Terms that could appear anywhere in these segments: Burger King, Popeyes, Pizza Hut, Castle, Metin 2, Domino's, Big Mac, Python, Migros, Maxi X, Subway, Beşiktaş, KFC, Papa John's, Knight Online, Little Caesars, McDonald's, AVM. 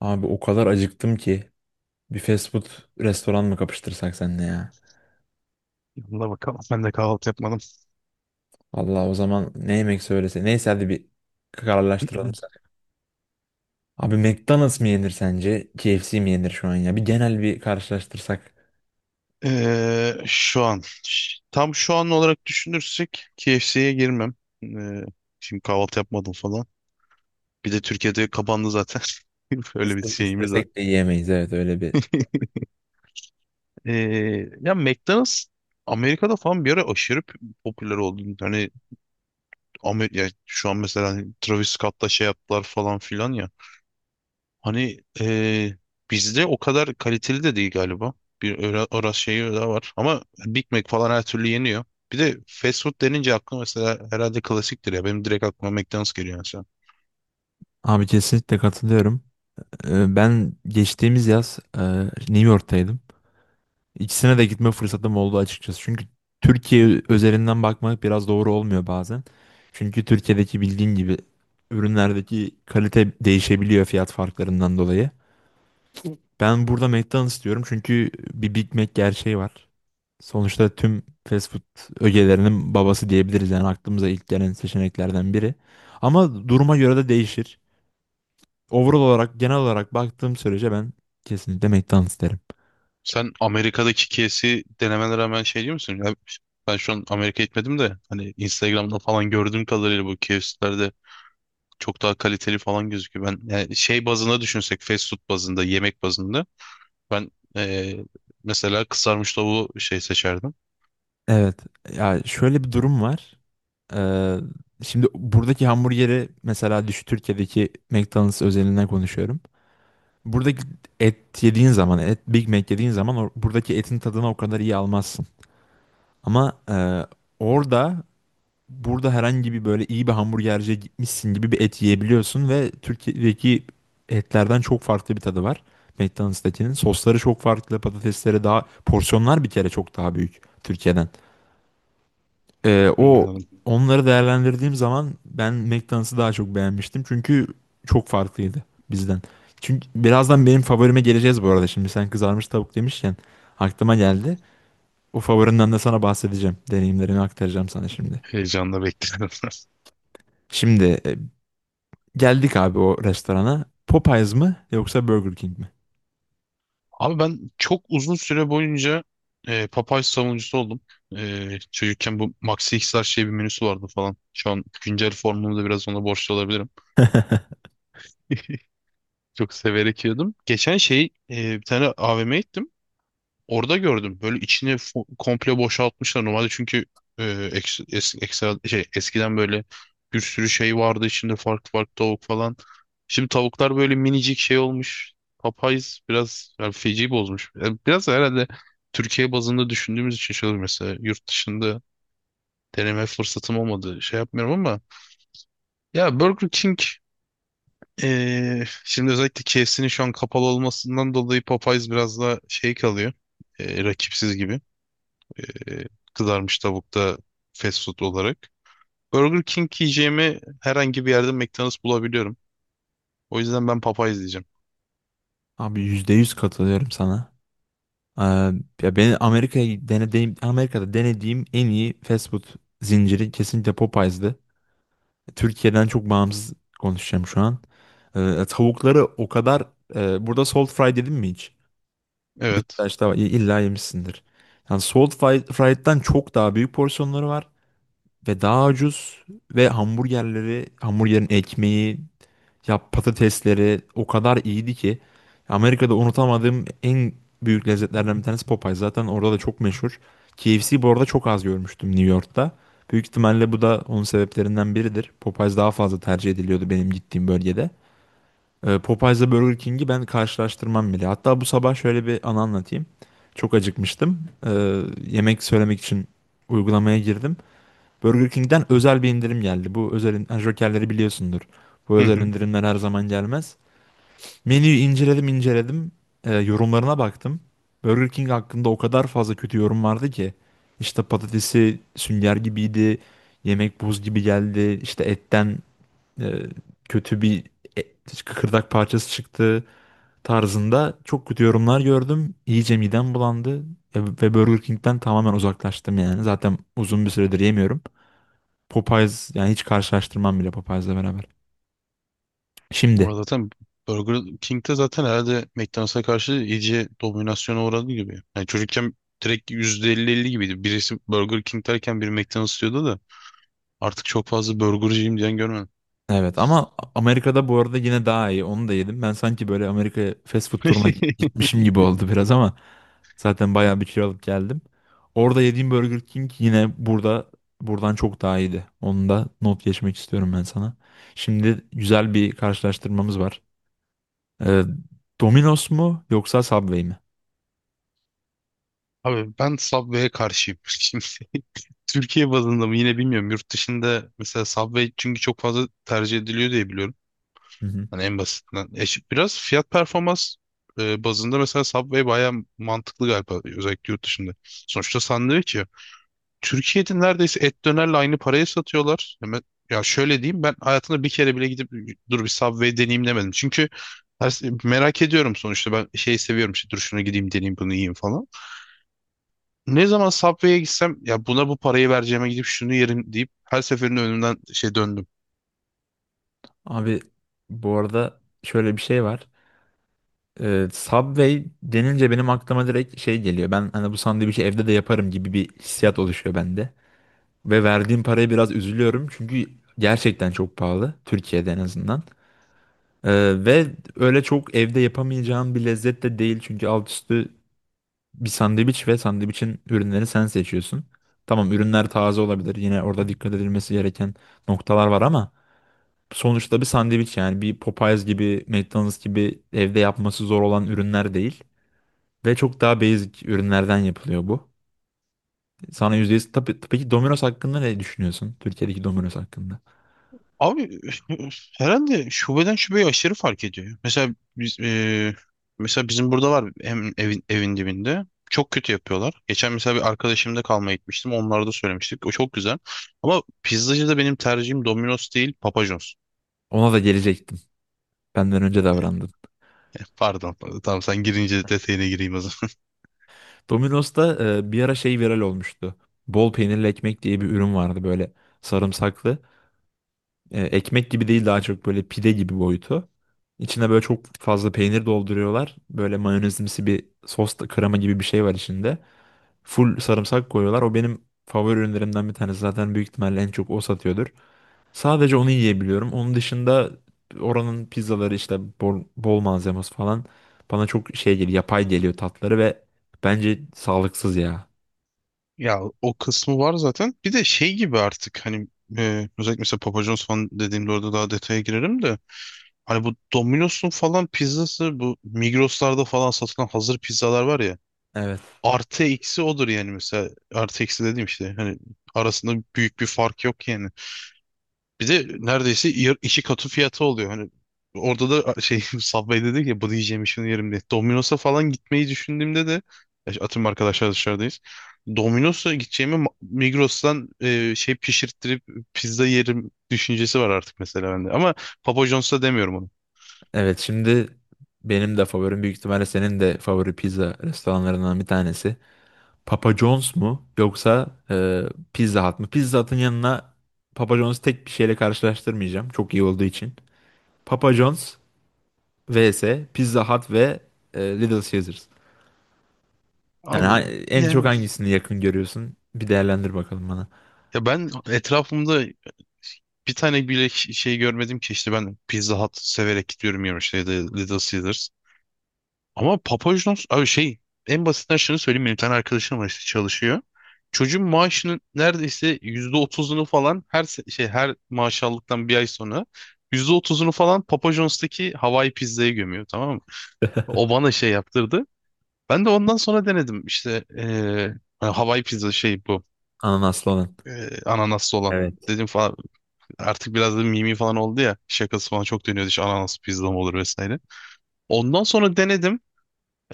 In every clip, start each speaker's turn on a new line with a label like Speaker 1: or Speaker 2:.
Speaker 1: Abi o kadar acıktım ki bir fast food restoran mı kapıştırsak seninle ya?
Speaker 2: Yanına bakalım. Ben de kahvaltı yapmadım.
Speaker 1: Allah o zaman ne yemek söylese. Neyse hadi bir kararlaştıralım sen. Abi McDonald's mı yenir sence? KFC mi yenir şu an ya? Bir genel bir karşılaştırsak.
Speaker 2: Şu an. Tam şu an olarak düşünürsek KFC'ye girmem. Ee, şimdi kahvaltı yapmadım falan. Bir de Türkiye'de kapandı zaten. Öyle bir şeyimiz var.
Speaker 1: İstesek de yiyemeyiz, evet, öyle bir.
Speaker 2: Ee, ya McDonald's Amerika'da falan bir ara aşırı popüler oldu. Hani ya şu an mesela hani Travis Scott'la şey yaptılar falan filan ya. Hani bizde o kadar kaliteli de değil galiba. Bir orası şeyi daha var. Ama Big Mac falan her türlü yeniyor. Bir de fast food denince aklıma mesela herhalde klasiktir ya. Benim direkt aklıma McDonald's geliyor mesela.
Speaker 1: Abi kesinlikle katılıyorum. Ben geçtiğimiz yaz New York'taydım. İkisine de gitme fırsatım oldu açıkçası. Çünkü Türkiye özelinden bakmak biraz doğru olmuyor bazen. Çünkü Türkiye'deki bildiğin gibi ürünlerdeki kalite değişebiliyor fiyat farklarından dolayı. Ben burada McDonald's diyorum çünkü bir Big Mac gerçeği var. Sonuçta tüm fast food ögelerinin babası diyebiliriz, yani aklımıza ilk gelen seçeneklerden biri. Ama duruma göre de değişir. Overall olarak, genel olarak baktığım sürece ben kesinlikle McDonald's derim.
Speaker 2: Sen Amerika'daki kesi denemelere hemen şey diyor musun? Ya ben şu an Amerika gitmedim de hani Instagram'da falan gördüğüm kadarıyla bu KFC'lerde çok daha kaliteli falan gözüküyor. Ben yani şey bazında düşünsek fast food bazında, yemek bazında ben eee, mesela kızarmış tavuğu şey seçerdim.
Speaker 1: Evet. Ya şöyle bir durum var. Ee, Şimdi buradaki hamburgeri mesela düşün, Türkiye'deki McDonald's özelinden konuşuyorum. Buradaki et yediğin zaman, et Big Mac yediğin zaman buradaki etin tadını o kadar iyi almazsın. Ama orada, burada herhangi bir böyle iyi bir hamburgerciye gitmişsin gibi bir et yiyebiliyorsun ve Türkiye'deki etlerden çok farklı bir tadı var. McDonald's'takinin sosları çok farklı, patatesleri daha, porsiyonlar bir kere çok daha büyük Türkiye'den.
Speaker 2: Hmm,
Speaker 1: O
Speaker 2: anladım.
Speaker 1: onları değerlendirdiğim zaman ben McDonald's'ı daha çok beğenmiştim çünkü çok farklıydı bizden. Çünkü birazdan benim favorime geleceğiz bu arada. Şimdi sen kızarmış tavuk demişken aklıma geldi. O favorinden de sana bahsedeceğim. Deneyimlerimi aktaracağım sana şimdi.
Speaker 2: Heyecanla bekledim.
Speaker 1: Şimdi e, Geldik abi o restorana. Popeyes mı yoksa Burger King mi?
Speaker 2: Abi ben çok uzun süre boyunca Popeye savunucusu oldum. E, çocukken bu Maxi X'ler şey bir menüsü vardı falan. Şu an güncel formumu da biraz ona borçlu olabilirim. Çok severek yiyordum. Geçen şey bir tane AVM'ye gittim. Orada gördüm. Böyle içini komple boşaltmışlar. Normalde çünkü ekstra, eskiden böyle bir sürü şey vardı içinde farklı farklı tavuk falan. Şimdi tavuklar böyle minicik şey olmuş. Popeyes biraz yani feci bozmuş. Yani biraz da herhalde Türkiye bazında düşündüğümüz için şöyle mesela yurt dışında deneme fırsatım olmadı. Şey yapmıyorum ama ya Burger King şimdi özellikle KFC'nin şu an kapalı olmasından dolayı Popeyes biraz daha şey kalıyor. E, rakipsiz gibi. Ee, kızarmış tavukta fast food olarak. Burger King yiyeceğimi herhangi bir yerde McDonald's bulabiliyorum. O yüzden ben Popeyes diyeceğim.
Speaker 1: Abi %100 katılıyorum sana. Ee, Ya beni Amerika'ya denediğim, Amerika'da denediğim en iyi fast food zinciri kesinlikle Popeyes'di. Türkiye'den çok bağımsız konuşacağım şu an. Tavukları o kadar burada salt fry dedim mi hiç?
Speaker 2: Evet.
Speaker 1: Beşiktaş'ta var. İlla yemişsindir. Yani fried'den çok daha büyük porsiyonları var ve daha ucuz ve hamburgerleri, hamburgerin ekmeği, ya patatesleri o kadar iyiydi ki Amerika'da unutamadığım en büyük lezzetlerden bir tanesi Popeyes. Zaten orada da çok meşhur. KFC bu arada çok az görmüştüm New York'ta. Büyük ihtimalle bu da onun sebeplerinden biridir. Popeyes daha fazla tercih ediliyordu benim gittiğim bölgede. Popeyes'la Burger King'i ben karşılaştırmam bile. Hatta bu sabah şöyle bir anı anlatayım. Çok acıkmıştım. Yemek söylemek için uygulamaya girdim. Burger King'den özel bir indirim geldi. Ha, Jokerleri biliyorsundur. Bu
Speaker 2: Hı
Speaker 1: özel
Speaker 2: hı.
Speaker 1: indirimler her zaman gelmez. Menüyü inceledim inceledim. E, yorumlarına baktım. Burger King hakkında o kadar fazla kötü yorum vardı ki. İşte patatesi sünger gibiydi. Yemek buz gibi geldi. İşte e, kötü bir et, kıkırdak parçası çıktı tarzında çok kötü yorumlar gördüm. İyice midem bulandı. E, ve Burger King'den tamamen uzaklaştım yani. Zaten uzun bir süredir yemiyorum. Popeyes, yani hiç karşılaştırmam bile Popeyes'le beraber. Şimdi
Speaker 2: Ama zaten Burger King'de zaten herhalde McDonald's'a karşı iyice dominasyona uğradı gibi. Yani çocukken direkt %50-50 gibiydi. Birisi Burger King derken biri McDonald's diyordu da artık çok fazla burgerciyim diyen görmedim.
Speaker 1: evet, ama Amerika'da bu arada yine daha iyi. Onu da yedim. Ben sanki böyle Amerika fast food turuna gitmişim gibi oldu biraz ama zaten bayağı bir kilo alıp geldim. Orada yediğim Burger King yine buradan çok daha iyiydi. Onu da not geçmek istiyorum ben sana. Şimdi güzel bir karşılaştırmamız var. Ee, Domino's mu yoksa Subway mi?
Speaker 2: Abi ben Subway'e karşıyım. Şimdi Türkiye bazında mı yine bilmiyorum. Yurt dışında mesela Subway çünkü çok fazla tercih ediliyor diye biliyorum.
Speaker 1: Hı hı.
Speaker 2: Hani en basitinden. Biraz fiyat performans bazında mesela Subway bayağı mantıklı galiba özellikle yurt dışında. Sonuçta sandviç ya. Türkiye'de neredeyse et dönerle aynı paraya satıyorlar. Hemen, ya şöyle diyeyim, ben hayatımda bir kere bile gidip dur bir Subway deneyeyim demedim. Çünkü merak ediyorum sonuçta, ben şey seviyorum işte, dur şuna gideyim deneyeyim bunu yiyeyim falan. Ne zaman Subway'e gitsem ya buna bu parayı vereceğime gidip şunu yerim deyip her seferinde önümden şey döndüm.
Speaker 1: Abi bu arada şöyle bir şey var. Subway denince benim aklıma direkt şey geliyor. Ben hani bu sandviçi evde de yaparım gibi bir hissiyat oluşuyor bende. Ve verdiğim paraya biraz üzülüyorum çünkü gerçekten çok pahalı Türkiye'de en azından. Ve öyle çok evde yapamayacağın bir lezzet de değil çünkü alt üstü bir sandviç ve sandviçin ürünleri sen seçiyorsun. Tamam, ürünler taze olabilir, yine orada dikkat edilmesi gereken noktalar var, ama sonuçta bir sandviç, yani bir Popeyes gibi McDonald's gibi evde yapması zor olan ürünler değil. Ve çok daha basic ürünlerden yapılıyor bu. Sana %100 tabii ki Domino's hakkında ne düşünüyorsun? Türkiye'deki Domino's hakkında.
Speaker 2: Abi herhalde şubeden şubeye aşırı fark ediyor. Mesela bizim burada var hem evin dibinde. Çok kötü yapıyorlar. Geçen mesela bir arkadaşımda kalmaya gitmiştim. Onlara da söylemiştik. O çok güzel. Ama pizzacı da benim tercihim Domino's değil, Papa John's.
Speaker 1: Ona da gelecektim. Benden önce
Speaker 2: E,
Speaker 1: davrandın.
Speaker 2: Pardon. Tamam, sen girince detayına gireyim o.
Speaker 1: Bir ara şey viral olmuştu. Bol peynirli ekmek diye bir ürün vardı, böyle sarımsaklı. E, ekmek gibi değil, daha çok böyle pide gibi boyutu. İçine böyle çok fazla peynir dolduruyorlar. Böyle mayonezimsi bir sos da, krema gibi bir şey var içinde. Full sarımsak koyuyorlar. O benim favori ürünlerimden bir tanesi. Zaten büyük ihtimalle en çok o satıyordur. Sadece onu yiyebiliyorum. Onun dışında oranın pizzaları, işte bol malzemesi falan, bana çok şey geliyor, yapay geliyor tatları ve bence sağlıksız ya.
Speaker 2: Ya, o kısmı var zaten. Bir de şey gibi artık, hani özellikle mesela Papa John's falan dediğimde orada daha detaya girerim de, hani bu Domino's'un falan pizzası, bu Migros'larda falan satılan hazır pizzalar var ya,
Speaker 1: Evet.
Speaker 2: artı eksi odur yani. Mesela artı eksi dediğim, işte hani arasında büyük bir fark yok yani. Bir de neredeyse iki katı fiyatı oluyor. Hani orada da şey Subway dedi ki, bu diyeceğim şunu yerim diye. Domino's'a falan gitmeyi düşündüğümde de ya, işte atıyorum arkadaşlar dışarıdayız. Domino's'a gideceğime Migros'tan şey pişirttirip pizza yerim düşüncesi var artık mesela bende. Ama Papa John's'a demiyorum onu.
Speaker 1: Evet, şimdi benim de favorim, büyük ihtimalle senin de favori pizza restoranlarından bir tanesi. Papa John's mu yoksa Pizza Hut mu? Pizza Hut'ın yanına Papa John's tek bir şeyle karşılaştırmayacağım. Çok iyi olduğu için. Papa John's vs Pizza Hut ve Little Caesars. Yani ha-
Speaker 2: Abi
Speaker 1: En çok
Speaker 2: yani,
Speaker 1: hangisini yakın görüyorsun? Bir değerlendir bakalım bana.
Speaker 2: ya ben etrafımda bir tane bile şey görmedim ki, işte ben Pizza Hut severek gidiyorum yemişte, ya da işte Little Caesars. Ama Papajnos abi şey, en basitinden şunu söyleyeyim, benim bir tane arkadaşım var işte, çalışıyor. Çocuğun maaşının neredeyse %30'unu falan her her maaş aldıktan bir ay sonra %30'unu falan Papa John's'taki Hawaii pizzaya gömüyor, tamam mı? O bana şey yaptırdı. Ben de ondan sonra denedim işte yani Hawaii pizza şey bu
Speaker 1: Ananaslı olan.
Speaker 2: ananaslı olan.
Speaker 1: Evet.
Speaker 2: Dedim falan, artık biraz da mimi falan oldu ya, şakası falan çok dönüyordu işte, ananas pizza mı olur vesaire. Ondan sonra denedim.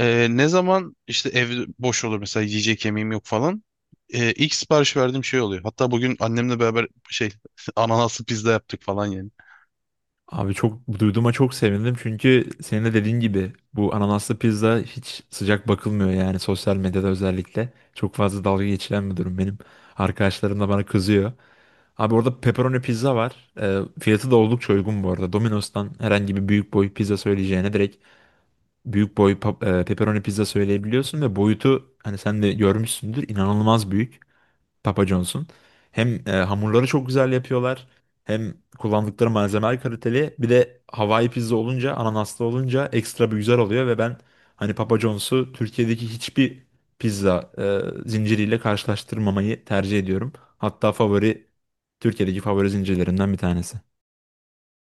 Speaker 2: Ne zaman işte ev boş olur mesela, yiyecek yemeğim yok falan, ilk sipariş verdiğim şey oluyor. Hatta bugün annemle beraber şey ananaslı pizza yaptık falan yani.
Speaker 1: Abi çok duyduğuma çok sevindim çünkü senin de dediğin gibi bu ananaslı pizza hiç sıcak bakılmıyor yani, sosyal medyada özellikle. Çok fazla dalga geçilen bir durum benim. Arkadaşlarım da bana kızıyor. Abi orada pepperoni pizza var. Fiyatı da oldukça uygun bu arada. Domino's'tan herhangi bir büyük boy pizza söyleyeceğine direkt büyük boy pepperoni pizza söyleyebiliyorsun ve boyutu, hani sen de görmüşsündür, inanılmaz büyük. Papa John's'un. Hem hamurları çok güzel yapıyorlar. Hem kullandıkları malzemeler kaliteli. Bir de Hawaii pizza olunca, ananaslı olunca, ekstra bir güzel oluyor ve ben hani Papa John's'u Türkiye'deki hiçbir pizza e, zinciriyle karşılaştırmamayı tercih ediyorum. Hatta favori, Türkiye'deki favori zincirlerimden bir tanesi.